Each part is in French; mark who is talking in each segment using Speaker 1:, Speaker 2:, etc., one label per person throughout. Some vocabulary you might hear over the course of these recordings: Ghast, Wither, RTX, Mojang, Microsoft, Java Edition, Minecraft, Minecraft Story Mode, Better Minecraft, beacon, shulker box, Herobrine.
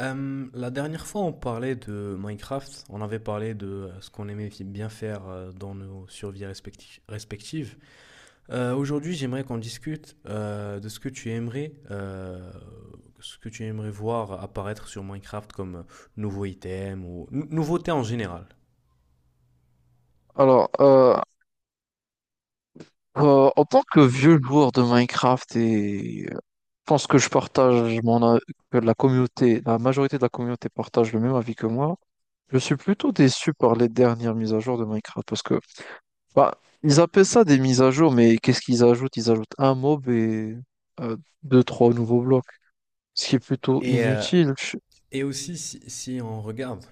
Speaker 1: La dernière fois, on parlait de Minecraft. On avait parlé de ce qu'on aimait bien faire dans nos survies respectives. Aujourd'hui, j'aimerais qu'on discute de ce que tu aimerais voir apparaître sur Minecraft comme nouveau item ou nouveauté en général.
Speaker 2: Alors, en tant que vieux joueur de Minecraft, je pense que je partage mon a- que la communauté, la majorité de la communauté partage le même avis que moi. Je suis plutôt déçu par les dernières mises à jour de Minecraft parce que bah, ils appellent ça des mises à jour, mais qu'est-ce qu'ils ajoutent? Ils ajoutent un mob et euh, deux, trois nouveaux blocs, ce qui est plutôt
Speaker 1: Et, euh,
Speaker 2: inutile.
Speaker 1: et aussi, si on regarde.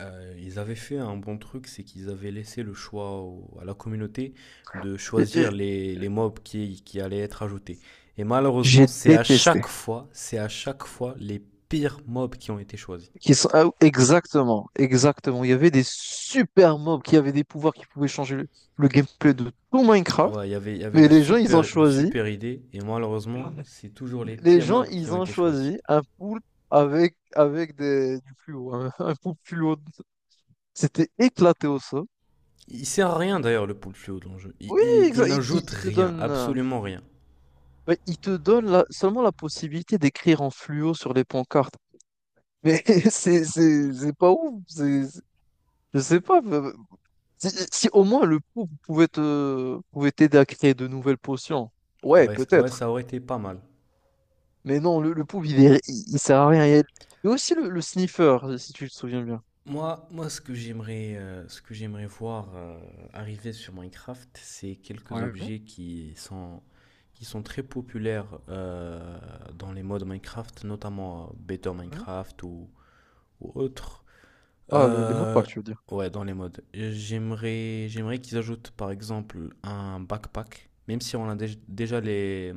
Speaker 1: Ils avaient fait un bon truc, c'est qu'ils avaient laissé le choix à la communauté de
Speaker 2: et-
Speaker 1: choisir
Speaker 2: et
Speaker 1: les mobs qui allaient être ajoutés. Et malheureusement,
Speaker 2: J'ai détesté.
Speaker 1: c'est à chaque fois les pires mobs qui ont été choisis.
Speaker 2: Qui sont... ah, exactement, exactement. Il y avait des super mobs qui avaient des pouvoirs qui pouvaient changer le gameplay de tout Minecraft.
Speaker 1: Ouais, il y avait
Speaker 2: Mais les gens, ils ont
Speaker 1: de
Speaker 2: choisi.
Speaker 1: super idées, et malheureusement, c'est toujours les
Speaker 2: Les
Speaker 1: pires
Speaker 2: gens,
Speaker 1: mobs qui
Speaker 2: ils
Speaker 1: ont
Speaker 2: ont
Speaker 1: été choisis.
Speaker 2: choisi un pool avec du fluo, un pool fluo. C'était éclaté au sol.
Speaker 1: Il sert à rien d'ailleurs le pool fluo dans le jeu. Il,
Speaker 2: Oui,
Speaker 1: il, il n'ajoute
Speaker 2: il te
Speaker 1: rien,
Speaker 2: donne,
Speaker 1: absolument rien.
Speaker 2: ouais, il te donne seulement la possibilité d'écrire en fluo sur les pancartes. Mais c'est pas ouf. Je sais pas. Si au moins le pouf pouvait t'aider à créer de nouvelles potions, ouais,
Speaker 1: Ouais, ouais,
Speaker 2: peut-être.
Speaker 1: ça aurait été pas mal.
Speaker 2: Mais non, le pouf, il sert à rien. Il y a aussi le sniffer, si tu te souviens bien.
Speaker 1: Moi, ce que j'aimerais voir arriver sur Minecraft, c'est quelques
Speaker 2: Ouais, ouais.
Speaker 1: objets qui sont très populaires dans les modes Minecraft, notamment Better Minecraft ou autres.
Speaker 2: Ah, les mots de
Speaker 1: Euh,
Speaker 2: passe, tu veux dire.
Speaker 1: ouais, dans les modes. J'aimerais qu'ils ajoutent par exemple un backpack, même si on a déjà les,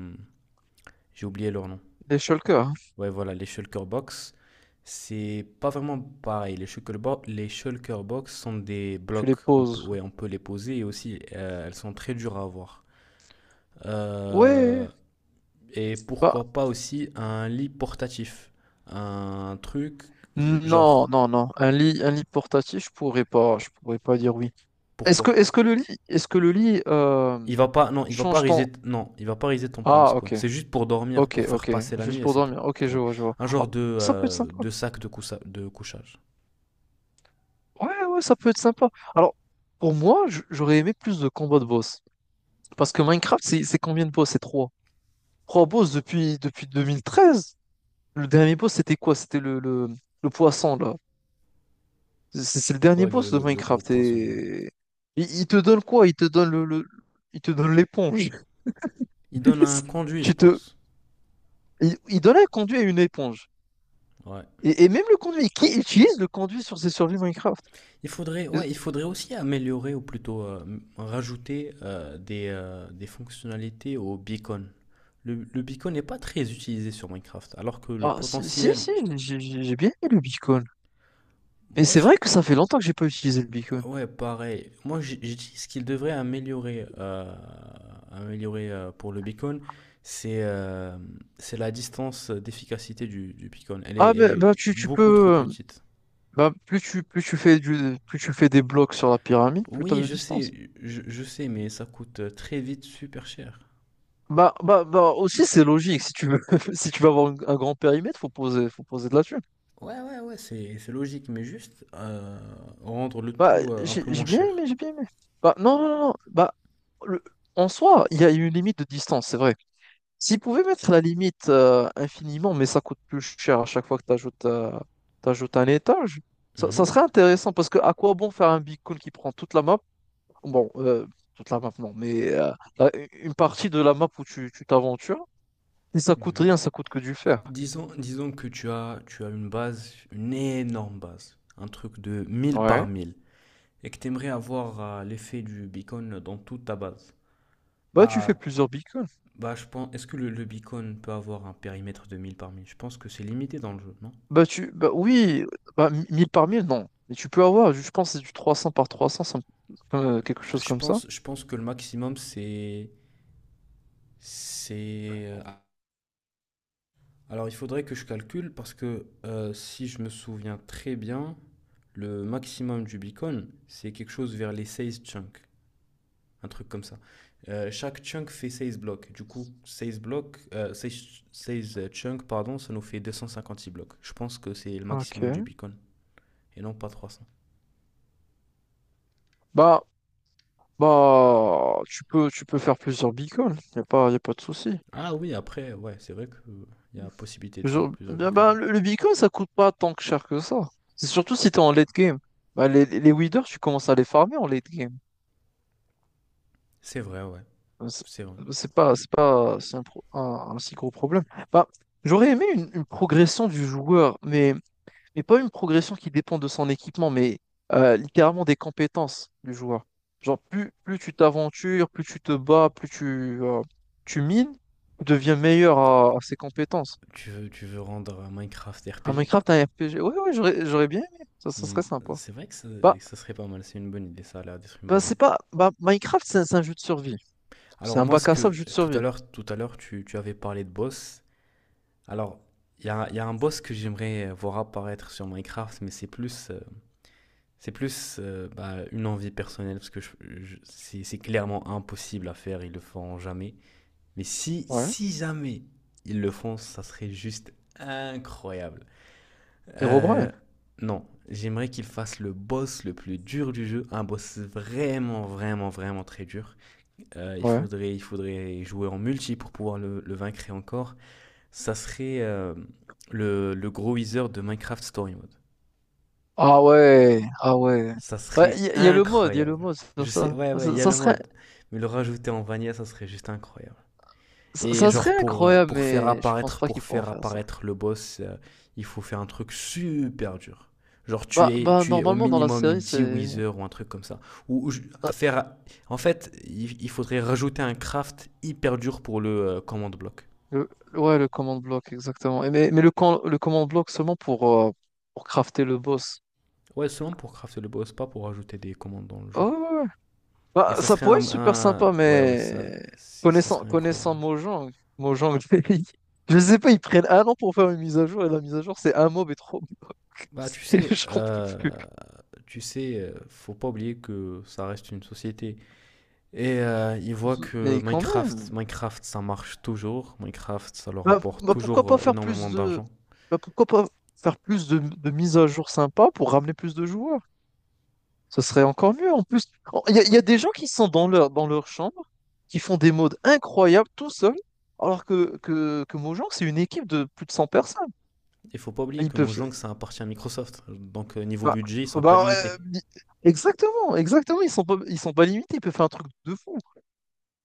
Speaker 1: j'ai oublié leur nom.
Speaker 2: Les shulkers, hein,
Speaker 1: Ouais, voilà, les shulker box, c'est pas vraiment pareil. Les shulker box sont des
Speaker 2: tu les
Speaker 1: blocs. On peut,
Speaker 2: poses.
Speaker 1: ouais, on peut les poser et aussi elles sont très dures à avoir. Euh,
Speaker 2: Ouais,
Speaker 1: et
Speaker 2: bah,
Speaker 1: pourquoi pas aussi un lit portatif, un truc
Speaker 2: non,
Speaker 1: genre
Speaker 2: non, non. Un lit portatif, je pourrais pas dire oui.
Speaker 1: pourquoi?
Speaker 2: Est-ce que le lit,
Speaker 1: Il va pas, non, il va pas
Speaker 2: change ton...
Speaker 1: riser, t- Non, il va pas riser ton point de
Speaker 2: Ah, ok,
Speaker 1: spawn. C'est juste pour dormir, pour faire
Speaker 2: ok.
Speaker 1: passer la nuit
Speaker 2: Juste
Speaker 1: et
Speaker 2: pour
Speaker 1: c'est tout.
Speaker 2: dormir. Ok, je
Speaker 1: Ouais.
Speaker 2: vois, je vois.
Speaker 1: Un
Speaker 2: Ah,
Speaker 1: genre
Speaker 2: ça peut être sympa.
Speaker 1: de sac de couchage.
Speaker 2: Ouais, ouais, ça peut être sympa. Alors, pour moi, j'aurais aimé plus de combats de boss. Parce que Minecraft, c'est combien de boss? C'est trois. Trois boss depuis 2013. Le dernier boss, c'était quoi? C'était le poisson, là. C'est le dernier
Speaker 1: Ouais, le,
Speaker 2: boss de
Speaker 1: le, le gros
Speaker 2: Minecraft.
Speaker 1: poisson. Ouais.
Speaker 2: Et... il te donne quoi? Il te donne il te donne l'éponge.
Speaker 1: Il donne un conduit,
Speaker 2: Tu
Speaker 1: je
Speaker 2: te...
Speaker 1: pense.
Speaker 2: Il donne un conduit à une éponge.
Speaker 1: Ouais.
Speaker 2: Et même le conduit. Qui utilise le conduit sur ses survies Minecraft?
Speaker 1: Il faudrait,
Speaker 2: Euh,
Speaker 1: ouais, il faudrait aussi améliorer ou plutôt rajouter des fonctionnalités au beacon. Le beacon n'est pas très utilisé sur Minecraft, alors que le
Speaker 2: Ah, si,
Speaker 1: potentiel,
Speaker 2: j'ai bien aimé le beacon. Et
Speaker 1: moi,
Speaker 2: c'est
Speaker 1: je-
Speaker 2: vrai que ça fait longtemps que j'ai pas utilisé le beacon.
Speaker 1: ouais, pareil. Moi, j'ai dit ce qu'il devrait améliorer, pour le beacon, c'est euh, c'est la distance d'efficacité du beacon. Elle est,
Speaker 2: Ah
Speaker 1: elle
Speaker 2: mais
Speaker 1: est
Speaker 2: bah tu, tu
Speaker 1: beaucoup trop
Speaker 2: peux
Speaker 1: petite.
Speaker 2: bah plus tu fais des blocs sur la pyramide, plus t'as
Speaker 1: Oui,
Speaker 2: de
Speaker 1: je
Speaker 2: distance.
Speaker 1: sais, je sais, mais ça coûte très vite super cher.
Speaker 2: Bah aussi c'est logique si tu veux si tu veux avoir un grand périmètre, faut poser de la thune.
Speaker 1: Ouais, ouais, ouais, c'est logique, mais juste rendre le
Speaker 2: Bah
Speaker 1: tout un peu moins
Speaker 2: j'ai bien
Speaker 1: cher.
Speaker 2: aimé, j'ai bien aimé. Bah non non non, bah le- en soi, il y a une limite de distance, c'est vrai. S'ils pouvaient mettre la limite infiniment, mais ça coûte plus cher à chaque fois que tu ajoutes, un étage, ça
Speaker 1: Mhm,
Speaker 2: serait intéressant parce que à quoi bon faire un beacon qui prend toute la map? Bon, toute la map non, mais la- une partie de la map où tu t'aventures, et ça coûte
Speaker 1: mhm.
Speaker 2: rien, ça coûte que du fer.
Speaker 1: Bah, disons que tu as une base, une énorme base, un truc de mille par
Speaker 2: Ouais.
Speaker 1: mille et que tu aimerais avoir l'effet du beacon dans toute ta base.
Speaker 2: Bah tu fais
Speaker 1: Bah,
Speaker 2: plusieurs beacons.
Speaker 1: bah, je pense, est-ce que le beacon peut avoir un périmètre de 1000 par 1000. Je pense que c'est limité dans le jeu, non?
Speaker 2: Bah tu bah oui, bah 1000 par 1000 non, mais tu peux avoir, je pense que c'est du 300 par 300, quelque chose
Speaker 1: Je
Speaker 2: comme ça.
Speaker 1: pense, je pense que le maximum, c'est C'est. Alors, il faudrait que je calcule parce que si je me souviens très bien, le maximum du Bitcoin, c'est quelque chose vers les 16 chunks, un truc comme ça. Chaque chunk fait 16 blocs. Du coup, 16 blocs, 16, 16 chunks, pardon, ça nous fait 256 blocs. Je pense que c'est le maximum du
Speaker 2: Ok.
Speaker 1: Bitcoin et non pas 300.
Speaker 2: Bah bah, tu peux faire plusieurs bitcoins, y a pas de souci.
Speaker 1: Ah oui, après, ouais, c'est vrai qu'il y a possibilité de faire plusieurs Bitcoins.
Speaker 2: Le bitcoin, ça coûte pas tant que cher que ça. C'est surtout si t'es en late game. Bah, les withers, tu commences à les farmer en late game.
Speaker 1: C'est vrai, ouais,
Speaker 2: Bah, C'est
Speaker 1: c'est vrai.
Speaker 2: c'est pas, c'est un, pro- un si gros problème. Bah, j'aurais aimé une progression du joueur, mais pas une progression qui dépend de son équipement, mais littéralement des compétences du joueur. Genre, plus tu t'aventures, plus tu te bats, plus tu, tu mines, tu deviens meilleur à ses compétences.
Speaker 1: Tu veux rendre Minecraft
Speaker 2: Un
Speaker 1: RPG?
Speaker 2: Minecraft, un RPG, ouais, ouais, j'aurais bien aimé, ça
Speaker 1: Hmm.
Speaker 2: serait sympa.
Speaker 1: C'est vrai que ça, que
Speaker 2: Bah,
Speaker 1: ça serait pas mal, c'est une bonne idée, ça a l'air d'être une
Speaker 2: bah
Speaker 1: bonne idée.
Speaker 2: c'est pas. Bah, Minecraft, c'est un jeu de survie. C'est
Speaker 1: Alors
Speaker 2: un
Speaker 1: moi, ce
Speaker 2: bac à
Speaker 1: que
Speaker 2: sable jeu de survie.
Speaker 1: tout à l'heure, tu avais parlé de boss. Alors, il y a un boss que j'aimerais voir apparaître sur Minecraft, mais c'est plus, bah, une envie personnelle, parce que c'est clairement impossible à faire, ils le feront jamais. Mais si,
Speaker 2: Ouais.
Speaker 1: si jamais ils le font, ça serait juste incroyable. Euh,
Speaker 2: Herobrine,
Speaker 1: non, j'aimerais qu'il fasse le boss le plus dur du jeu, un boss vraiment, vraiment, vraiment très dur.
Speaker 2: ouais.
Speaker 1: Il faudrait jouer en multi pour pouvoir le vaincre et encore. Ça serait le gros Weezer de Minecraft Story Mode.
Speaker 2: Ah ouais, ah ouais.
Speaker 1: Ça
Speaker 2: Ouais,
Speaker 1: serait
Speaker 2: il y a le
Speaker 1: incroyable.
Speaker 2: mode sur
Speaker 1: Je sais,
Speaker 2: ça.
Speaker 1: ouais, ouais, il y a le mode, mais le rajouter en vanilla, ça serait juste incroyable.
Speaker 2: Ça,
Speaker 1: Et
Speaker 2: ça serait
Speaker 1: genre
Speaker 2: incroyable, mais je pense pas qu'ils
Speaker 1: pour
Speaker 2: pourront
Speaker 1: faire
Speaker 2: faire ça.
Speaker 1: apparaître le boss, il faut faire un truc super dur. Genre tu
Speaker 2: Bah,
Speaker 1: es,
Speaker 2: bah,
Speaker 1: tu es au
Speaker 2: normalement, dans la
Speaker 1: minimum
Speaker 2: série,
Speaker 1: dix
Speaker 2: c'est.
Speaker 1: Wither ou un truc comme ça. Ou je-
Speaker 2: Ah,
Speaker 1: à faire, En fait, il faudrait rajouter un craft hyper dur pour le command block.
Speaker 2: Le... Ouais, le command block, exactement. Le command block seulement pour crafter le boss.
Speaker 1: Ouais, seulement pour crafter le boss, pas pour rajouter des commandes dans le jeu.
Speaker 2: Oh, ouais, ouais.
Speaker 1: Et
Speaker 2: Bah,
Speaker 1: ça
Speaker 2: ça
Speaker 1: serait
Speaker 2: pourrait être super sympa,
Speaker 1: ouais, ouais, ça,
Speaker 2: mais.
Speaker 1: si, ça serait incroyable.
Speaker 2: Connaissant Mojang, Mojang, ils- je sais pas, ils prennent 1 an pour faire une mise à jour, et la mise à jour, c'est un mob et trois blocs.
Speaker 1: Bah
Speaker 2: C'est- J'en peux plus.
Speaker 1: tu sais, faut pas oublier que ça reste une société. Et ils voient que
Speaker 2: Mais quand
Speaker 1: Minecraft,
Speaker 2: même.
Speaker 1: Minecraft, ça marche toujours. Minecraft, ça leur
Speaker 2: Bah,
Speaker 1: rapporte
Speaker 2: bah, pourquoi
Speaker 1: toujours
Speaker 2: pas faire
Speaker 1: énormément
Speaker 2: plus de.
Speaker 1: d'argent.
Speaker 2: Bah, pourquoi pas faire plus de mises à jour sympas pour ramener plus de joueurs? Ce serait encore mieux. En plus, oh, il y a des gens qui sont dans leur chambre, qui font des modes incroyables tout seuls, alors que Mojang, c'est une équipe de plus de 100 personnes.
Speaker 1: Il faut pas oublier
Speaker 2: Ils
Speaker 1: que
Speaker 2: peuvent.
Speaker 1: Mojang, ça appartient à Microsoft. Donc, niveau
Speaker 2: bah,
Speaker 1: budget, ils sont pas
Speaker 2: bah,
Speaker 1: limités.
Speaker 2: euh, ils- exactement, exactement. Ils sont pas limités. Ils peuvent faire un truc de fou.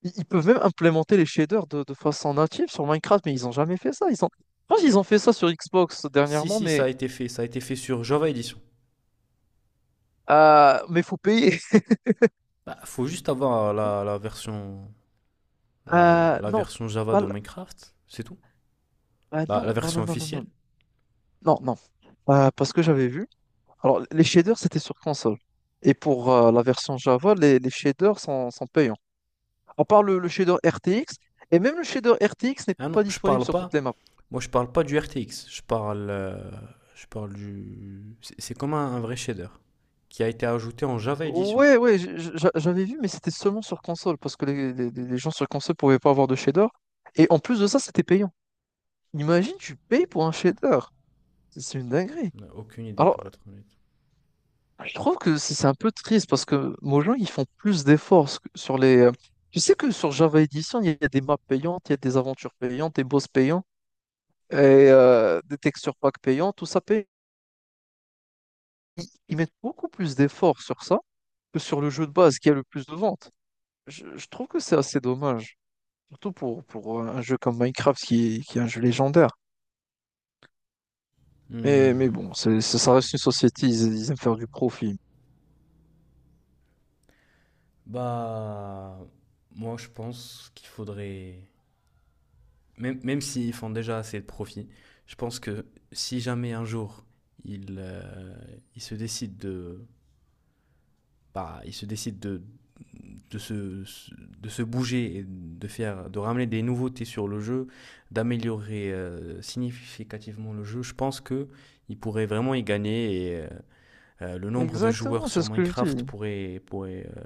Speaker 2: Ils peuvent même implémenter les shaders de façon native sur Minecraft, mais ils n'ont jamais fait ça. Ils ont, je pense qu'ils ont fait ça sur Xbox
Speaker 1: Si,
Speaker 2: dernièrement,
Speaker 1: si, ça a été fait. Ça a été fait sur Java Edition.
Speaker 2: mais faut payer.
Speaker 1: Bah, faut juste avoir la version, la, la
Speaker 2: Non,
Speaker 1: version Java
Speaker 2: pas,
Speaker 1: de
Speaker 2: l-
Speaker 1: Minecraft, c'est tout.
Speaker 2: ah,
Speaker 1: La
Speaker 2: non, non,
Speaker 1: version
Speaker 2: non, non, non,
Speaker 1: officielle.
Speaker 2: non. Non, non. Parce que j'avais vu. Alors, les shaders, c'était sur console. Et pour la version Java, les shaders sont payants. À part le shader RTX, et même le shader RTX n'est
Speaker 1: Ah non,
Speaker 2: pas
Speaker 1: je
Speaker 2: disponible
Speaker 1: parle
Speaker 2: sur
Speaker 1: pas.
Speaker 2: toutes les maps.
Speaker 1: Moi, je parle pas du RTX. Je parle du. C'est comme un vrai shader qui a été ajouté en Java Edition.
Speaker 2: Ouais, ouais, j'avais vu, mais c'était seulement sur console, parce que les gens sur console pouvaient pas avoir de shader. Et en plus de ça, c'était payant. Imagine, tu payes pour un shader. C'est une dinguerie.
Speaker 1: Aucune idée
Speaker 2: Alors,
Speaker 1: pour être honnête.
Speaker 2: Je trouve que c'est un peu triste parce que Mojang, ils font plus d'efforts ce sur les. Tu sais que sur Java Edition, il y a des maps payantes, il y a des aventures payantes, des boss payants et des textures packs payants, tout ça paye. Ils mettent beaucoup plus d'efforts sur ça que sur le jeu de base qui a le plus de ventes. Je trouve que c'est assez dommage, surtout pour un jeu comme Minecraft qui est un jeu légendaire. Mais
Speaker 1: Hmm.
Speaker 2: bon, c'est, ça ça reste une société, ils aiment faire du profit.
Speaker 1: Bah, moi je pense qu'il faudrait, même s'ils font déjà assez de profit, je pense que si jamais un jour ils, euh, ils se décident de, bah, ils se décident de se, de se bouger et de ramener des nouveautés sur le jeu, d'améliorer significativement le jeu, je pense que ils pourraient vraiment y gagner et le nombre de joueurs
Speaker 2: Exactement, c'est
Speaker 1: sur
Speaker 2: ce que je
Speaker 1: Minecraft
Speaker 2: dis.
Speaker 1: pourrait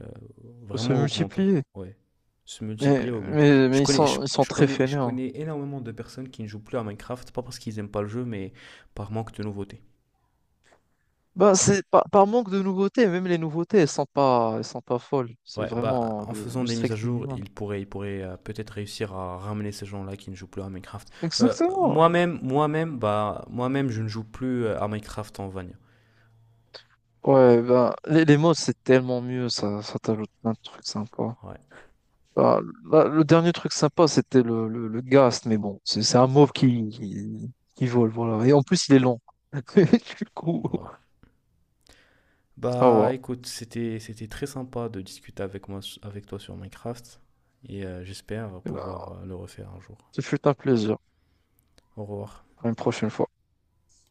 Speaker 2: Faut se
Speaker 1: vraiment augmenter.
Speaker 2: multiplier.
Speaker 1: Ouais. Se multiplier, augmenter.
Speaker 2: Ils sont très
Speaker 1: Je
Speaker 2: fainéants.
Speaker 1: connais énormément de personnes qui ne jouent plus à Minecraft, pas parce qu'ils n'aiment pas le jeu, mais par manque de nouveautés.
Speaker 2: Bah, par manque de nouveautés, même les nouveautés, elles sont pas folles. C'est
Speaker 1: Ouais, bah,
Speaker 2: vraiment
Speaker 1: en faisant
Speaker 2: le
Speaker 1: des mises à
Speaker 2: strict
Speaker 1: jour,
Speaker 2: minimum.
Speaker 1: il pourrait peut-être réussir à ramener ces gens-là qui ne jouent plus à Minecraft. Euh,
Speaker 2: Exactement.
Speaker 1: moi-même, moi-même, bah, moi-même, je ne joue plus à Minecraft en Vanilla.
Speaker 2: Ouais, bah, les modes, c'est tellement mieux, ça t'ajoute plein de trucs sympas.
Speaker 1: Ouais,
Speaker 2: Bah, là, le dernier truc sympa, c'était le Ghast, mais bon, c'est un mauve qui vole, voilà. Et en plus, il est long. Du coup,
Speaker 1: ouais.
Speaker 2: au
Speaker 1: Bah
Speaker 2: revoir.
Speaker 1: écoute, c'était très sympa de discuter avec toi sur Minecraft et j'espère
Speaker 2: Bah,
Speaker 1: pouvoir le refaire un jour.
Speaker 2: ce fut un plaisir.
Speaker 1: Au revoir.
Speaker 2: À une prochaine fois.